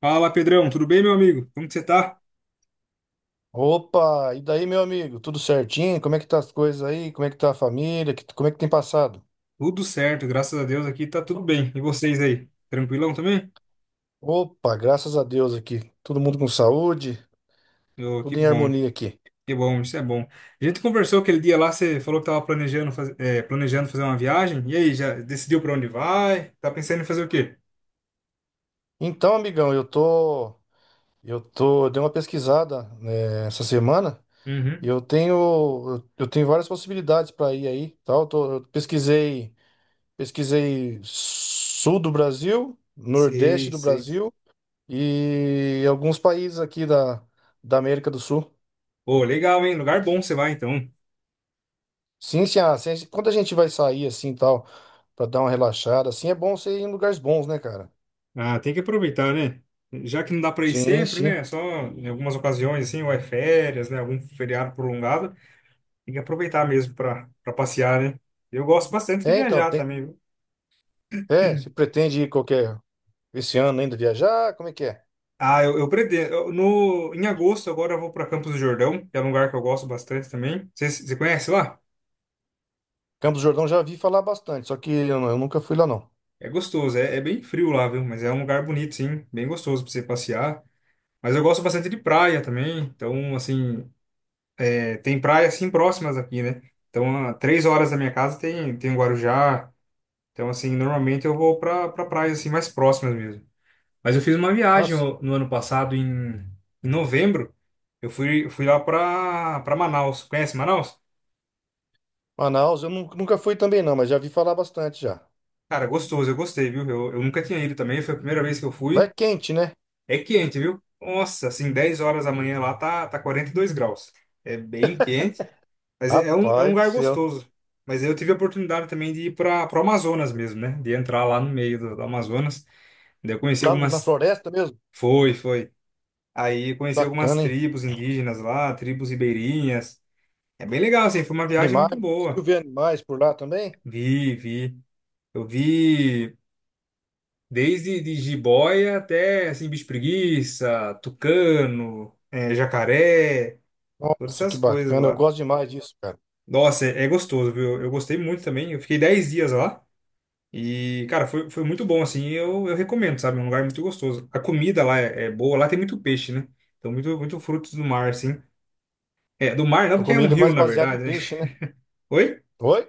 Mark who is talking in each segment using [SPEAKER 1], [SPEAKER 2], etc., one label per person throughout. [SPEAKER 1] Fala, Pedrão, tudo bem, meu amigo? Como que você tá?
[SPEAKER 2] Opa, e daí, meu amigo? Tudo certinho? Como é que tá as coisas aí? Como é que tá a família? Como é que tem passado?
[SPEAKER 1] Tudo certo, graças a Deus aqui tá tudo bem. E vocês aí? Tranquilão também?
[SPEAKER 2] Opa, graças a Deus aqui. Todo mundo com saúde,
[SPEAKER 1] Ô,
[SPEAKER 2] tudo em harmonia aqui.
[SPEAKER 1] que bom, isso é bom. A gente conversou aquele dia lá, você falou que tava planejando, planejando fazer uma viagem. E aí, já decidiu pra onde vai? Tá pensando em fazer o quê?
[SPEAKER 2] Então, amigão, eu dei uma pesquisada, né, essa semana.
[SPEAKER 1] Uhum.
[SPEAKER 2] Eu tenho várias possibilidades para ir aí, tal. Eu pesquisei sul do Brasil, nordeste
[SPEAKER 1] Sei,
[SPEAKER 2] do
[SPEAKER 1] sei.
[SPEAKER 2] Brasil e alguns países aqui da América do Sul.
[SPEAKER 1] Pô, legal, hein? Lugar bom você vai então.
[SPEAKER 2] Sim, sim, ah, se a gente- quando a gente vai sair assim e tal, pra dar uma relaxada, assim, é bom você ir em lugares bons, né, cara?
[SPEAKER 1] Ah, tem que aproveitar, né? Já que não dá pra ir
[SPEAKER 2] Sim,
[SPEAKER 1] sempre,
[SPEAKER 2] sim.
[SPEAKER 1] né? É só em algumas ocasiões assim, ou é férias, né? Algum feriado prolongado. Tem que aproveitar mesmo para passear, né? Eu gosto bastante de
[SPEAKER 2] É, então,
[SPEAKER 1] viajar
[SPEAKER 2] tem,
[SPEAKER 1] também, viu?
[SPEAKER 2] se pretende ir esse ano ainda viajar, como é que é?
[SPEAKER 1] Ah, eu pretendo. Eu- no, Em agosto, agora eu vou para Campos do Jordão, que é um lugar que eu gosto bastante também. Você conhece lá?
[SPEAKER 2] Campos do Jordão já vi falar bastante, só que eu nunca fui lá, não.
[SPEAKER 1] É gostoso, é, é bem frio lá, viu? Mas é um lugar bonito, sim, bem gostoso para você passear. Mas eu gosto bastante de praia também, então, assim, é, tem praias assim próximas aqui, né? Então, a 3 horas da minha casa tem, tem o Guarujá. Então, assim, normalmente eu vou para pra pra praias assim mais próximas mesmo. Mas eu fiz uma viagem
[SPEAKER 2] Nossa,
[SPEAKER 1] no ano passado, em novembro. Eu fui lá pra Manaus. Conhece Manaus?
[SPEAKER 2] Manaus nunca fui também, não, mas já vi falar bastante já.
[SPEAKER 1] Cara, gostoso, eu gostei, viu? Eu nunca tinha ido também, foi a primeira vez que eu
[SPEAKER 2] Lá é
[SPEAKER 1] fui.
[SPEAKER 2] quente, né?
[SPEAKER 1] É quente, viu? Nossa, assim, 10 horas da manhã lá tá 42 graus. É bem quente, mas é um
[SPEAKER 2] Rapaz do
[SPEAKER 1] lugar
[SPEAKER 2] céu.
[SPEAKER 1] gostoso. Mas eu tive a oportunidade também de ir para o Amazonas mesmo, né? De entrar lá no meio do Amazonas. Daí eu conheci
[SPEAKER 2] Lá na
[SPEAKER 1] algumas.
[SPEAKER 2] floresta mesmo?
[SPEAKER 1] Foi, foi. Aí eu conheci algumas
[SPEAKER 2] Bacana, hein?
[SPEAKER 1] tribos indígenas lá, tribos ribeirinhas. É bem legal, assim, foi uma viagem muito
[SPEAKER 2] Animais, conseguiu
[SPEAKER 1] boa.
[SPEAKER 2] ver animais por lá também?
[SPEAKER 1] Vi, vi. Eu vi desde de jiboia até, assim, bicho preguiça, tucano, jacaré, todas
[SPEAKER 2] Nossa, que
[SPEAKER 1] essas coisas
[SPEAKER 2] bacana, eu
[SPEAKER 1] lá.
[SPEAKER 2] gosto demais disso, cara.
[SPEAKER 1] Nossa, é, é gostoso, viu? Eu gostei muito também. Eu fiquei 10 dias lá e, cara, foi muito bom, assim. Eu recomendo, sabe? É um lugar muito gostoso. A comida lá é boa, lá tem muito peixe, né? Então, muito, muito frutos do mar, assim. É, do mar não,
[SPEAKER 2] A
[SPEAKER 1] porque é um
[SPEAKER 2] comida é
[SPEAKER 1] rio,
[SPEAKER 2] mais
[SPEAKER 1] na
[SPEAKER 2] baseada em
[SPEAKER 1] verdade, né?
[SPEAKER 2] peixe, né?
[SPEAKER 1] Oi?
[SPEAKER 2] Oi?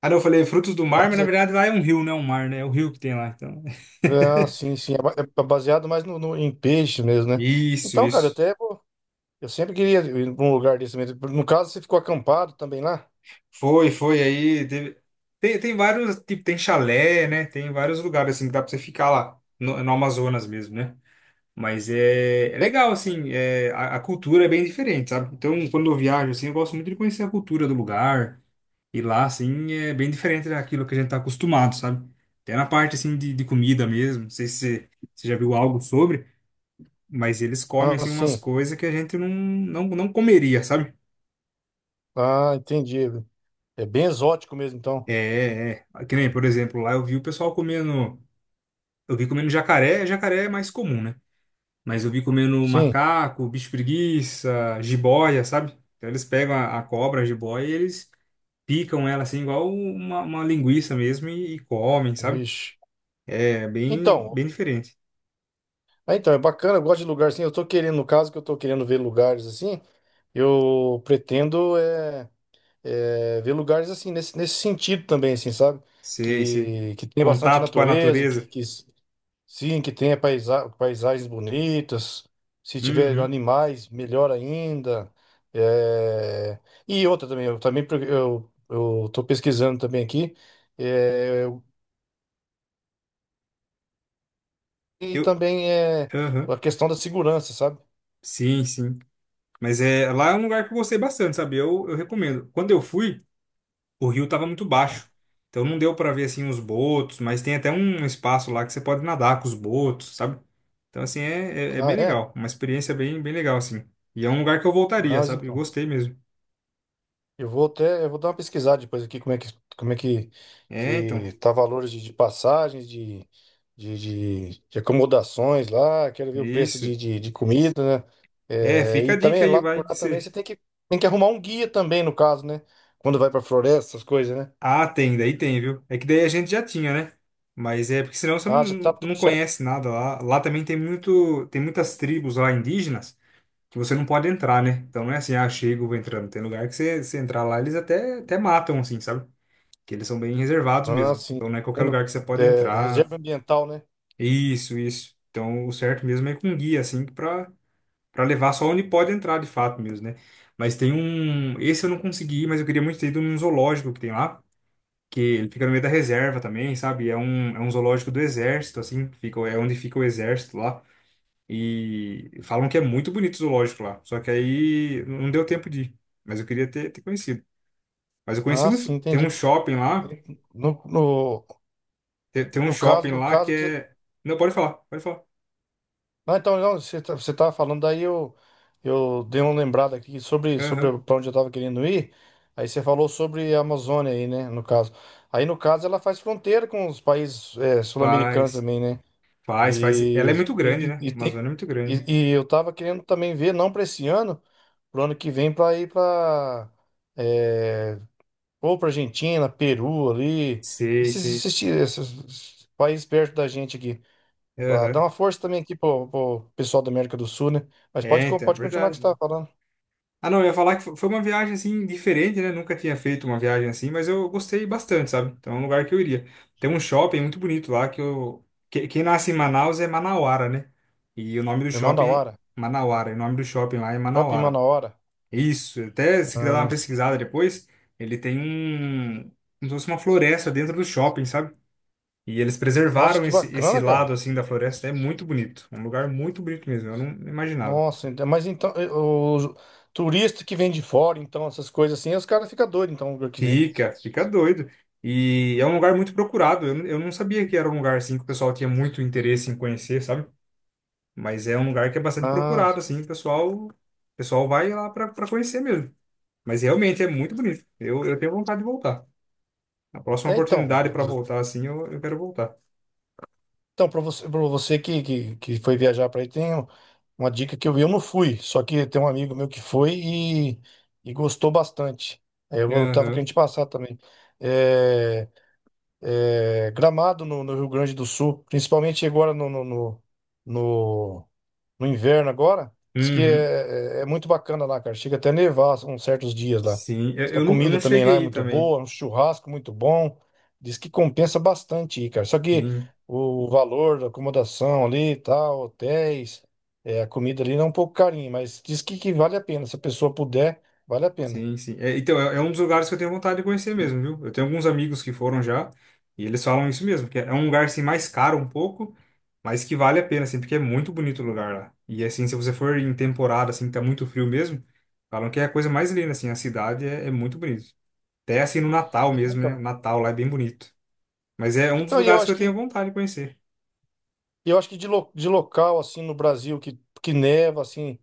[SPEAKER 1] Ah, não, eu falei frutos do mar, mas
[SPEAKER 2] Pode
[SPEAKER 1] na
[SPEAKER 2] ser.
[SPEAKER 1] verdade lá é um rio, não é um mar, né? É o rio que tem lá, então.
[SPEAKER 2] Ah, sim, sim. É baseado mais em peixe mesmo, né?
[SPEAKER 1] Isso,
[SPEAKER 2] Então, cara,
[SPEAKER 1] isso.
[SPEAKER 2] eu sempre queria ir pra um lugar desse mesmo. No caso, você ficou acampado também lá?
[SPEAKER 1] Foi, foi aí. teve- Tem, tem vários, tipo, tem chalé, né? Tem vários lugares assim que dá pra você ficar lá, no Amazonas mesmo, né? Mas é
[SPEAKER 2] É?
[SPEAKER 1] legal, assim, a cultura é bem diferente, sabe? Então, quando eu viajo, assim, eu gosto muito de conhecer a cultura do lugar. E lá, assim, é bem diferente daquilo que a gente tá acostumado, sabe? Até na parte, assim, de comida mesmo. Não sei se você já viu algo sobre. Mas eles comem,
[SPEAKER 2] Ah,
[SPEAKER 1] assim, umas
[SPEAKER 2] sim.
[SPEAKER 1] coisas que a gente não comeria, sabe?
[SPEAKER 2] Ah, entendi. É bem exótico mesmo, então.
[SPEAKER 1] Que nem, por exemplo, lá eu vi o pessoal comendo. Eu vi comendo jacaré, jacaré é mais comum, né? Mas eu vi comendo
[SPEAKER 2] Sim.
[SPEAKER 1] macaco, bicho preguiça, jiboia, sabe? Então eles pegam a cobra, a jiboia, e eles picam ela assim, igual uma linguiça mesmo, e comem, sabe?
[SPEAKER 2] Vixe.
[SPEAKER 1] É bem,
[SPEAKER 2] Então,
[SPEAKER 1] bem diferente.
[SPEAKER 2] ah, então, é bacana, eu gosto de lugar assim. Eu tô querendo, no caso que eu tô querendo ver lugares assim, eu pretendo é, é, ver lugares assim, nesse sentido também, assim, sabe?
[SPEAKER 1] Sei, sei.
[SPEAKER 2] Que tem bastante
[SPEAKER 1] Contato com a
[SPEAKER 2] natureza, que,
[SPEAKER 1] natureza.
[SPEAKER 2] que Sim, que tenha paisagens bonitas. Se tiver
[SPEAKER 1] Uhum.
[SPEAKER 2] animais, melhor ainda. É, e outra também, eu tô pesquisando também aqui. É, eu- E
[SPEAKER 1] Eu,
[SPEAKER 2] também é
[SPEAKER 1] aham.
[SPEAKER 2] a questão da segurança, sabe?
[SPEAKER 1] Sim, sim. Mas é, lá é um lugar que eu gostei bastante, sabe? Eu recomendo. Quando eu fui, o rio tava muito baixo. Então não deu pra ver assim os botos, mas tem até um espaço lá que você pode nadar com os botos, sabe? Então assim é
[SPEAKER 2] Ah,
[SPEAKER 1] bem
[SPEAKER 2] é?
[SPEAKER 1] legal, uma experiência bem bem legal assim. E é um lugar que eu voltaria,
[SPEAKER 2] Mas
[SPEAKER 1] sabe? Eu
[SPEAKER 2] então.
[SPEAKER 1] gostei mesmo.
[SPEAKER 2] Eu vou dar uma pesquisada depois aqui como é que,
[SPEAKER 1] É, então,
[SPEAKER 2] que tá valores de passagens, de, de acomodações lá, quero
[SPEAKER 1] é
[SPEAKER 2] ver o preço
[SPEAKER 1] isso.
[SPEAKER 2] de comida, né?
[SPEAKER 1] É,
[SPEAKER 2] É,
[SPEAKER 1] fica
[SPEAKER 2] e
[SPEAKER 1] a dica
[SPEAKER 2] também
[SPEAKER 1] aí,
[SPEAKER 2] lá
[SPEAKER 1] vai
[SPEAKER 2] por
[SPEAKER 1] que
[SPEAKER 2] lá também
[SPEAKER 1] você.
[SPEAKER 2] você tem que arrumar um guia também, no caso, né? Quando vai pra floresta, essas coisas, né?
[SPEAKER 1] Ah, tem, daí tem, viu? É que daí a gente já tinha, né? Mas é porque senão você
[SPEAKER 2] Ah, já tá tudo
[SPEAKER 1] não
[SPEAKER 2] certo.
[SPEAKER 1] conhece nada lá. Lá também tem muito, tem muitas tribos lá indígenas. Que você não pode entrar, né? Então não é assim, ah, chego, vou entrando. Tem lugar que você entrar lá, eles até matam, assim, sabe? Que eles são bem reservados
[SPEAKER 2] Ah,
[SPEAKER 1] mesmo.
[SPEAKER 2] sim.
[SPEAKER 1] Então não é qualquer
[SPEAKER 2] Tendo,
[SPEAKER 1] lugar que você pode
[SPEAKER 2] é,
[SPEAKER 1] entrar.
[SPEAKER 2] reserva ambiental, né?
[SPEAKER 1] Isso, isso. Então o certo mesmo é com um guia, assim, pra levar só onde pode entrar de fato mesmo, né? Mas tem um. Esse eu não consegui, mas eu queria muito ter ido num zoológico que tem lá. Que ele fica no meio da reserva também, sabe? É um zoológico do exército, assim, fica, é onde fica o exército lá. E falam que é muito bonito o zoológico lá. Só que aí não deu tempo de ir. Mas eu queria ter conhecido. Mas eu conheci
[SPEAKER 2] Ah,
[SPEAKER 1] um. Sh-
[SPEAKER 2] sim,
[SPEAKER 1] Tem um
[SPEAKER 2] entendi.
[SPEAKER 1] shopping lá.
[SPEAKER 2] No, no,
[SPEAKER 1] Tem, tem um shopping
[SPEAKER 2] no
[SPEAKER 1] lá que
[SPEAKER 2] caso que você
[SPEAKER 1] é. Não, pode falar, pode falar.
[SPEAKER 2] Não, então, não, você tava falando, eu dei uma lembrada aqui sobre
[SPEAKER 1] Aham.
[SPEAKER 2] para onde eu tava querendo ir. Aí você falou sobre a Amazônia aí, né, no caso. Aí, no caso, ela faz fronteira com os países sul-americanos
[SPEAKER 1] Faz,
[SPEAKER 2] também, né?
[SPEAKER 1] faz, faz.
[SPEAKER 2] E,
[SPEAKER 1] Ela é muito grande,
[SPEAKER 2] e,
[SPEAKER 1] né?
[SPEAKER 2] e
[SPEAKER 1] A Amazônia
[SPEAKER 2] tem,
[SPEAKER 1] é muito grande.
[SPEAKER 2] e eu tava querendo também ver, não para esse ano, pro ano que vem, para ir para ou para Argentina, Peru ali,
[SPEAKER 1] Sei,
[SPEAKER 2] esses,
[SPEAKER 1] sei.
[SPEAKER 2] esses, esses países perto da gente aqui. Pra dar
[SPEAKER 1] Aham.
[SPEAKER 2] uma força também aqui pro pessoal da América do Sul, né? Mas pode,
[SPEAKER 1] É, então, é
[SPEAKER 2] pode continuar o que você
[SPEAKER 1] verdade.
[SPEAKER 2] estava falando.
[SPEAKER 1] Ah, não, eu ia falar que foi uma viagem assim diferente, né? Nunca tinha feito uma viagem assim, mas eu gostei bastante, sabe? Então é um lugar que eu iria. Tem um shopping muito bonito lá que eu. Que- Quem nasce em Manaus é Manauara, né? E o nome do
[SPEAKER 2] Me manda a
[SPEAKER 1] shopping é
[SPEAKER 2] hora.
[SPEAKER 1] Manauara. E o nome do shopping lá é
[SPEAKER 2] Shopping
[SPEAKER 1] Manauara.
[SPEAKER 2] manda a hora.
[SPEAKER 1] Isso, até se quiser dar uma
[SPEAKER 2] Ah,
[SPEAKER 1] pesquisada depois, ele tem um. Como se fosse uma floresta dentro do shopping, sabe? E eles
[SPEAKER 2] nossa,
[SPEAKER 1] preservaram
[SPEAKER 2] que
[SPEAKER 1] esse
[SPEAKER 2] bacana,
[SPEAKER 1] lado
[SPEAKER 2] cara.
[SPEAKER 1] assim da floresta. É muito bonito. Um lugar muito bonito mesmo. Eu não imaginava.
[SPEAKER 2] Nossa, mas então, o turista que vem de fora, então, essas coisas assim, os caras ficam doidos, então, o que vê.
[SPEAKER 1] Fica, fica doido. E é um lugar muito procurado. Eu não sabia que era um lugar assim que o pessoal tinha muito interesse em conhecer, sabe? Mas é um lugar que é bastante
[SPEAKER 2] Ah,
[SPEAKER 1] procurado, assim, o pessoal vai lá para conhecer mesmo. Mas realmente é muito bonito. Eu tenho vontade de voltar. A próxima
[SPEAKER 2] é, então,
[SPEAKER 1] oportunidade para voltar, assim, eu quero voltar.
[SPEAKER 2] então para para você que, que foi viajar para aí, uma dica que eu vi, eu não fui, só que tem um amigo meu que foi e gostou bastante. Tava
[SPEAKER 1] Aham.
[SPEAKER 2] querendo te passar também. É, Gramado no Rio Grande do Sul, principalmente agora no- no inverno agora. Diz que
[SPEAKER 1] Uhum.
[SPEAKER 2] é, é- é muito bacana lá, cara. Chega até a nevar uns certos dias lá.
[SPEAKER 1] Sim,
[SPEAKER 2] Diz que a
[SPEAKER 1] eu não
[SPEAKER 2] comida também lá
[SPEAKER 1] cheguei
[SPEAKER 2] é
[SPEAKER 1] aí
[SPEAKER 2] muito
[SPEAKER 1] também.
[SPEAKER 2] boa, um churrasco muito bom. Diz que compensa bastante ir, cara. Só que
[SPEAKER 1] Sim.
[SPEAKER 2] o valor da acomodação ali e tal, hotéis, é, a comida ali não é um pouco carinho, mas diz que vale a pena. Se a pessoa puder, vale a pena.
[SPEAKER 1] Sim, sim. É, então, é um dos lugares que eu tenho vontade de conhecer mesmo, viu? Eu tenho alguns amigos que foram já e eles falam isso mesmo, que é um lugar assim mais caro um pouco, mas que vale a pena, assim, porque é muito bonito o lugar lá. E assim, se você for em temporada, assim, que tá muito frio mesmo, falam que é a coisa mais linda, assim, a cidade é muito bonito. Até assim no Natal mesmo, né? O
[SPEAKER 2] Então,
[SPEAKER 1] Natal lá é bem bonito. Mas é um dos
[SPEAKER 2] então e eu
[SPEAKER 1] lugares que
[SPEAKER 2] acho
[SPEAKER 1] eu tenho
[SPEAKER 2] que
[SPEAKER 1] vontade de conhecer.
[SPEAKER 2] E eu acho que de local, assim, no Brasil, que neva, assim,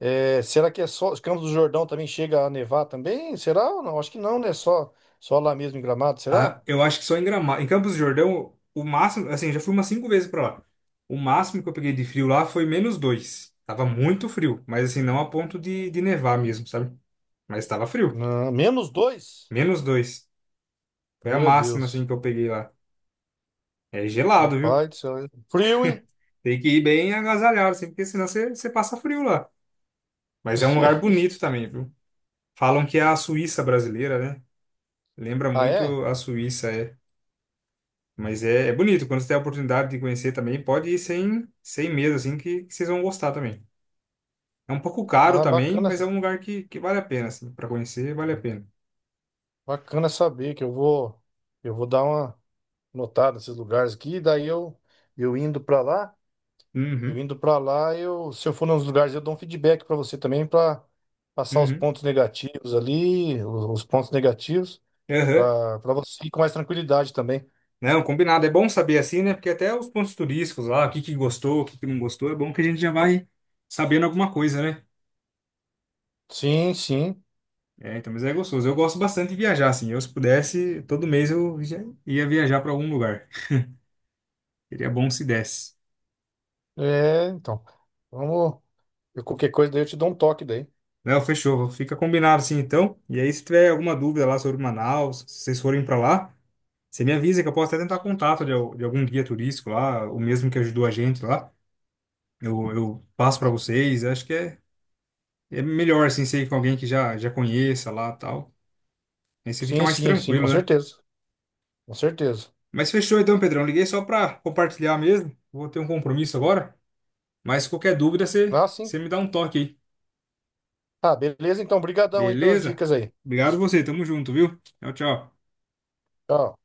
[SPEAKER 2] é, será que é só Campos do Jordão também chega a nevar também? Será ou não? Acho que não, né? Só lá mesmo em Gramado, será?
[SPEAKER 1] Ah, eu acho que só em Gramado. Em Campos do Jordão, o máximo, assim, eu já fui umas 5 vezes pra lá. O máximo que eu peguei de frio lá foi -2. Tava muito frio, mas assim, não a ponto de nevar mesmo, sabe? Mas tava frio.
[SPEAKER 2] Não, menos dois?
[SPEAKER 1] -2. Foi a
[SPEAKER 2] Meu
[SPEAKER 1] máxima, assim,
[SPEAKER 2] Deus.
[SPEAKER 1] que eu peguei lá. É gelado, viu?
[SPEAKER 2] Rapaz do céu. Hein? Frio, hein?
[SPEAKER 1] Tem que ir bem agasalhado, assim, porque senão você passa frio lá. Mas é um lugar bonito também, viu? Falam que é a Suíça brasileira, né? Lembra
[SPEAKER 2] Ah, é?
[SPEAKER 1] muito a Suíça, é. Mas é bonito, quando você tem a oportunidade de conhecer também, pode ir sem, sem medo, assim, que vocês vão gostar também. É um pouco caro
[SPEAKER 2] Ah,
[SPEAKER 1] também, mas é um lugar que vale a pena, assim, para conhecer, vale a pena.
[SPEAKER 2] bacana saber que eu vou dar uma notada nesses lugares aqui, eu indo pra lá. Eu
[SPEAKER 1] Uhum,
[SPEAKER 2] indo pra lá, eu, se eu for nos lugares, eu dou um feedback pra você também pra passar os
[SPEAKER 1] uhum,
[SPEAKER 2] pontos negativos ali, os pontos negativos
[SPEAKER 1] aham.
[SPEAKER 2] pra para você ir com mais tranquilidade também.
[SPEAKER 1] Não, combinado, é bom saber assim, né? Porque até os pontos turísticos lá, o que que gostou, o que que não gostou, é bom que a gente já vai sabendo alguma coisa, né?
[SPEAKER 2] Sim, sim.
[SPEAKER 1] É, então, mas é gostoso. Eu gosto bastante de viajar, assim. Eu, se pudesse, todo mês eu já ia viajar para algum lugar. Seria bom se desse.
[SPEAKER 2] É, então. Vamos, qualquer coisa daí eu te dou um toque daí.
[SPEAKER 1] Não, fechou. Fica combinado assim então. E aí, se tiver alguma dúvida lá sobre Manaus, se vocês forem para lá, você me avisa que eu posso até tentar contato de algum guia turístico lá, o mesmo que ajudou a gente lá. Eu passo para vocês. Acho que é melhor assim ser com alguém que já conheça lá tal. Aí você fica
[SPEAKER 2] Sim,
[SPEAKER 1] mais
[SPEAKER 2] sim, sim, com
[SPEAKER 1] tranquilo, né?
[SPEAKER 2] certeza. Com certeza.
[SPEAKER 1] Mas fechou então, Pedrão. Liguei só para compartilhar mesmo. Vou ter um compromisso agora. Mas qualquer dúvida,
[SPEAKER 2] Ah, sim.
[SPEAKER 1] você me dá um toque aí.
[SPEAKER 2] Ah, beleza então. Obrigadão aí pelas
[SPEAKER 1] Beleza?
[SPEAKER 2] dicas aí.
[SPEAKER 1] Obrigado você. Tamo junto, viu? Tchau, tchau.
[SPEAKER 2] Tchau.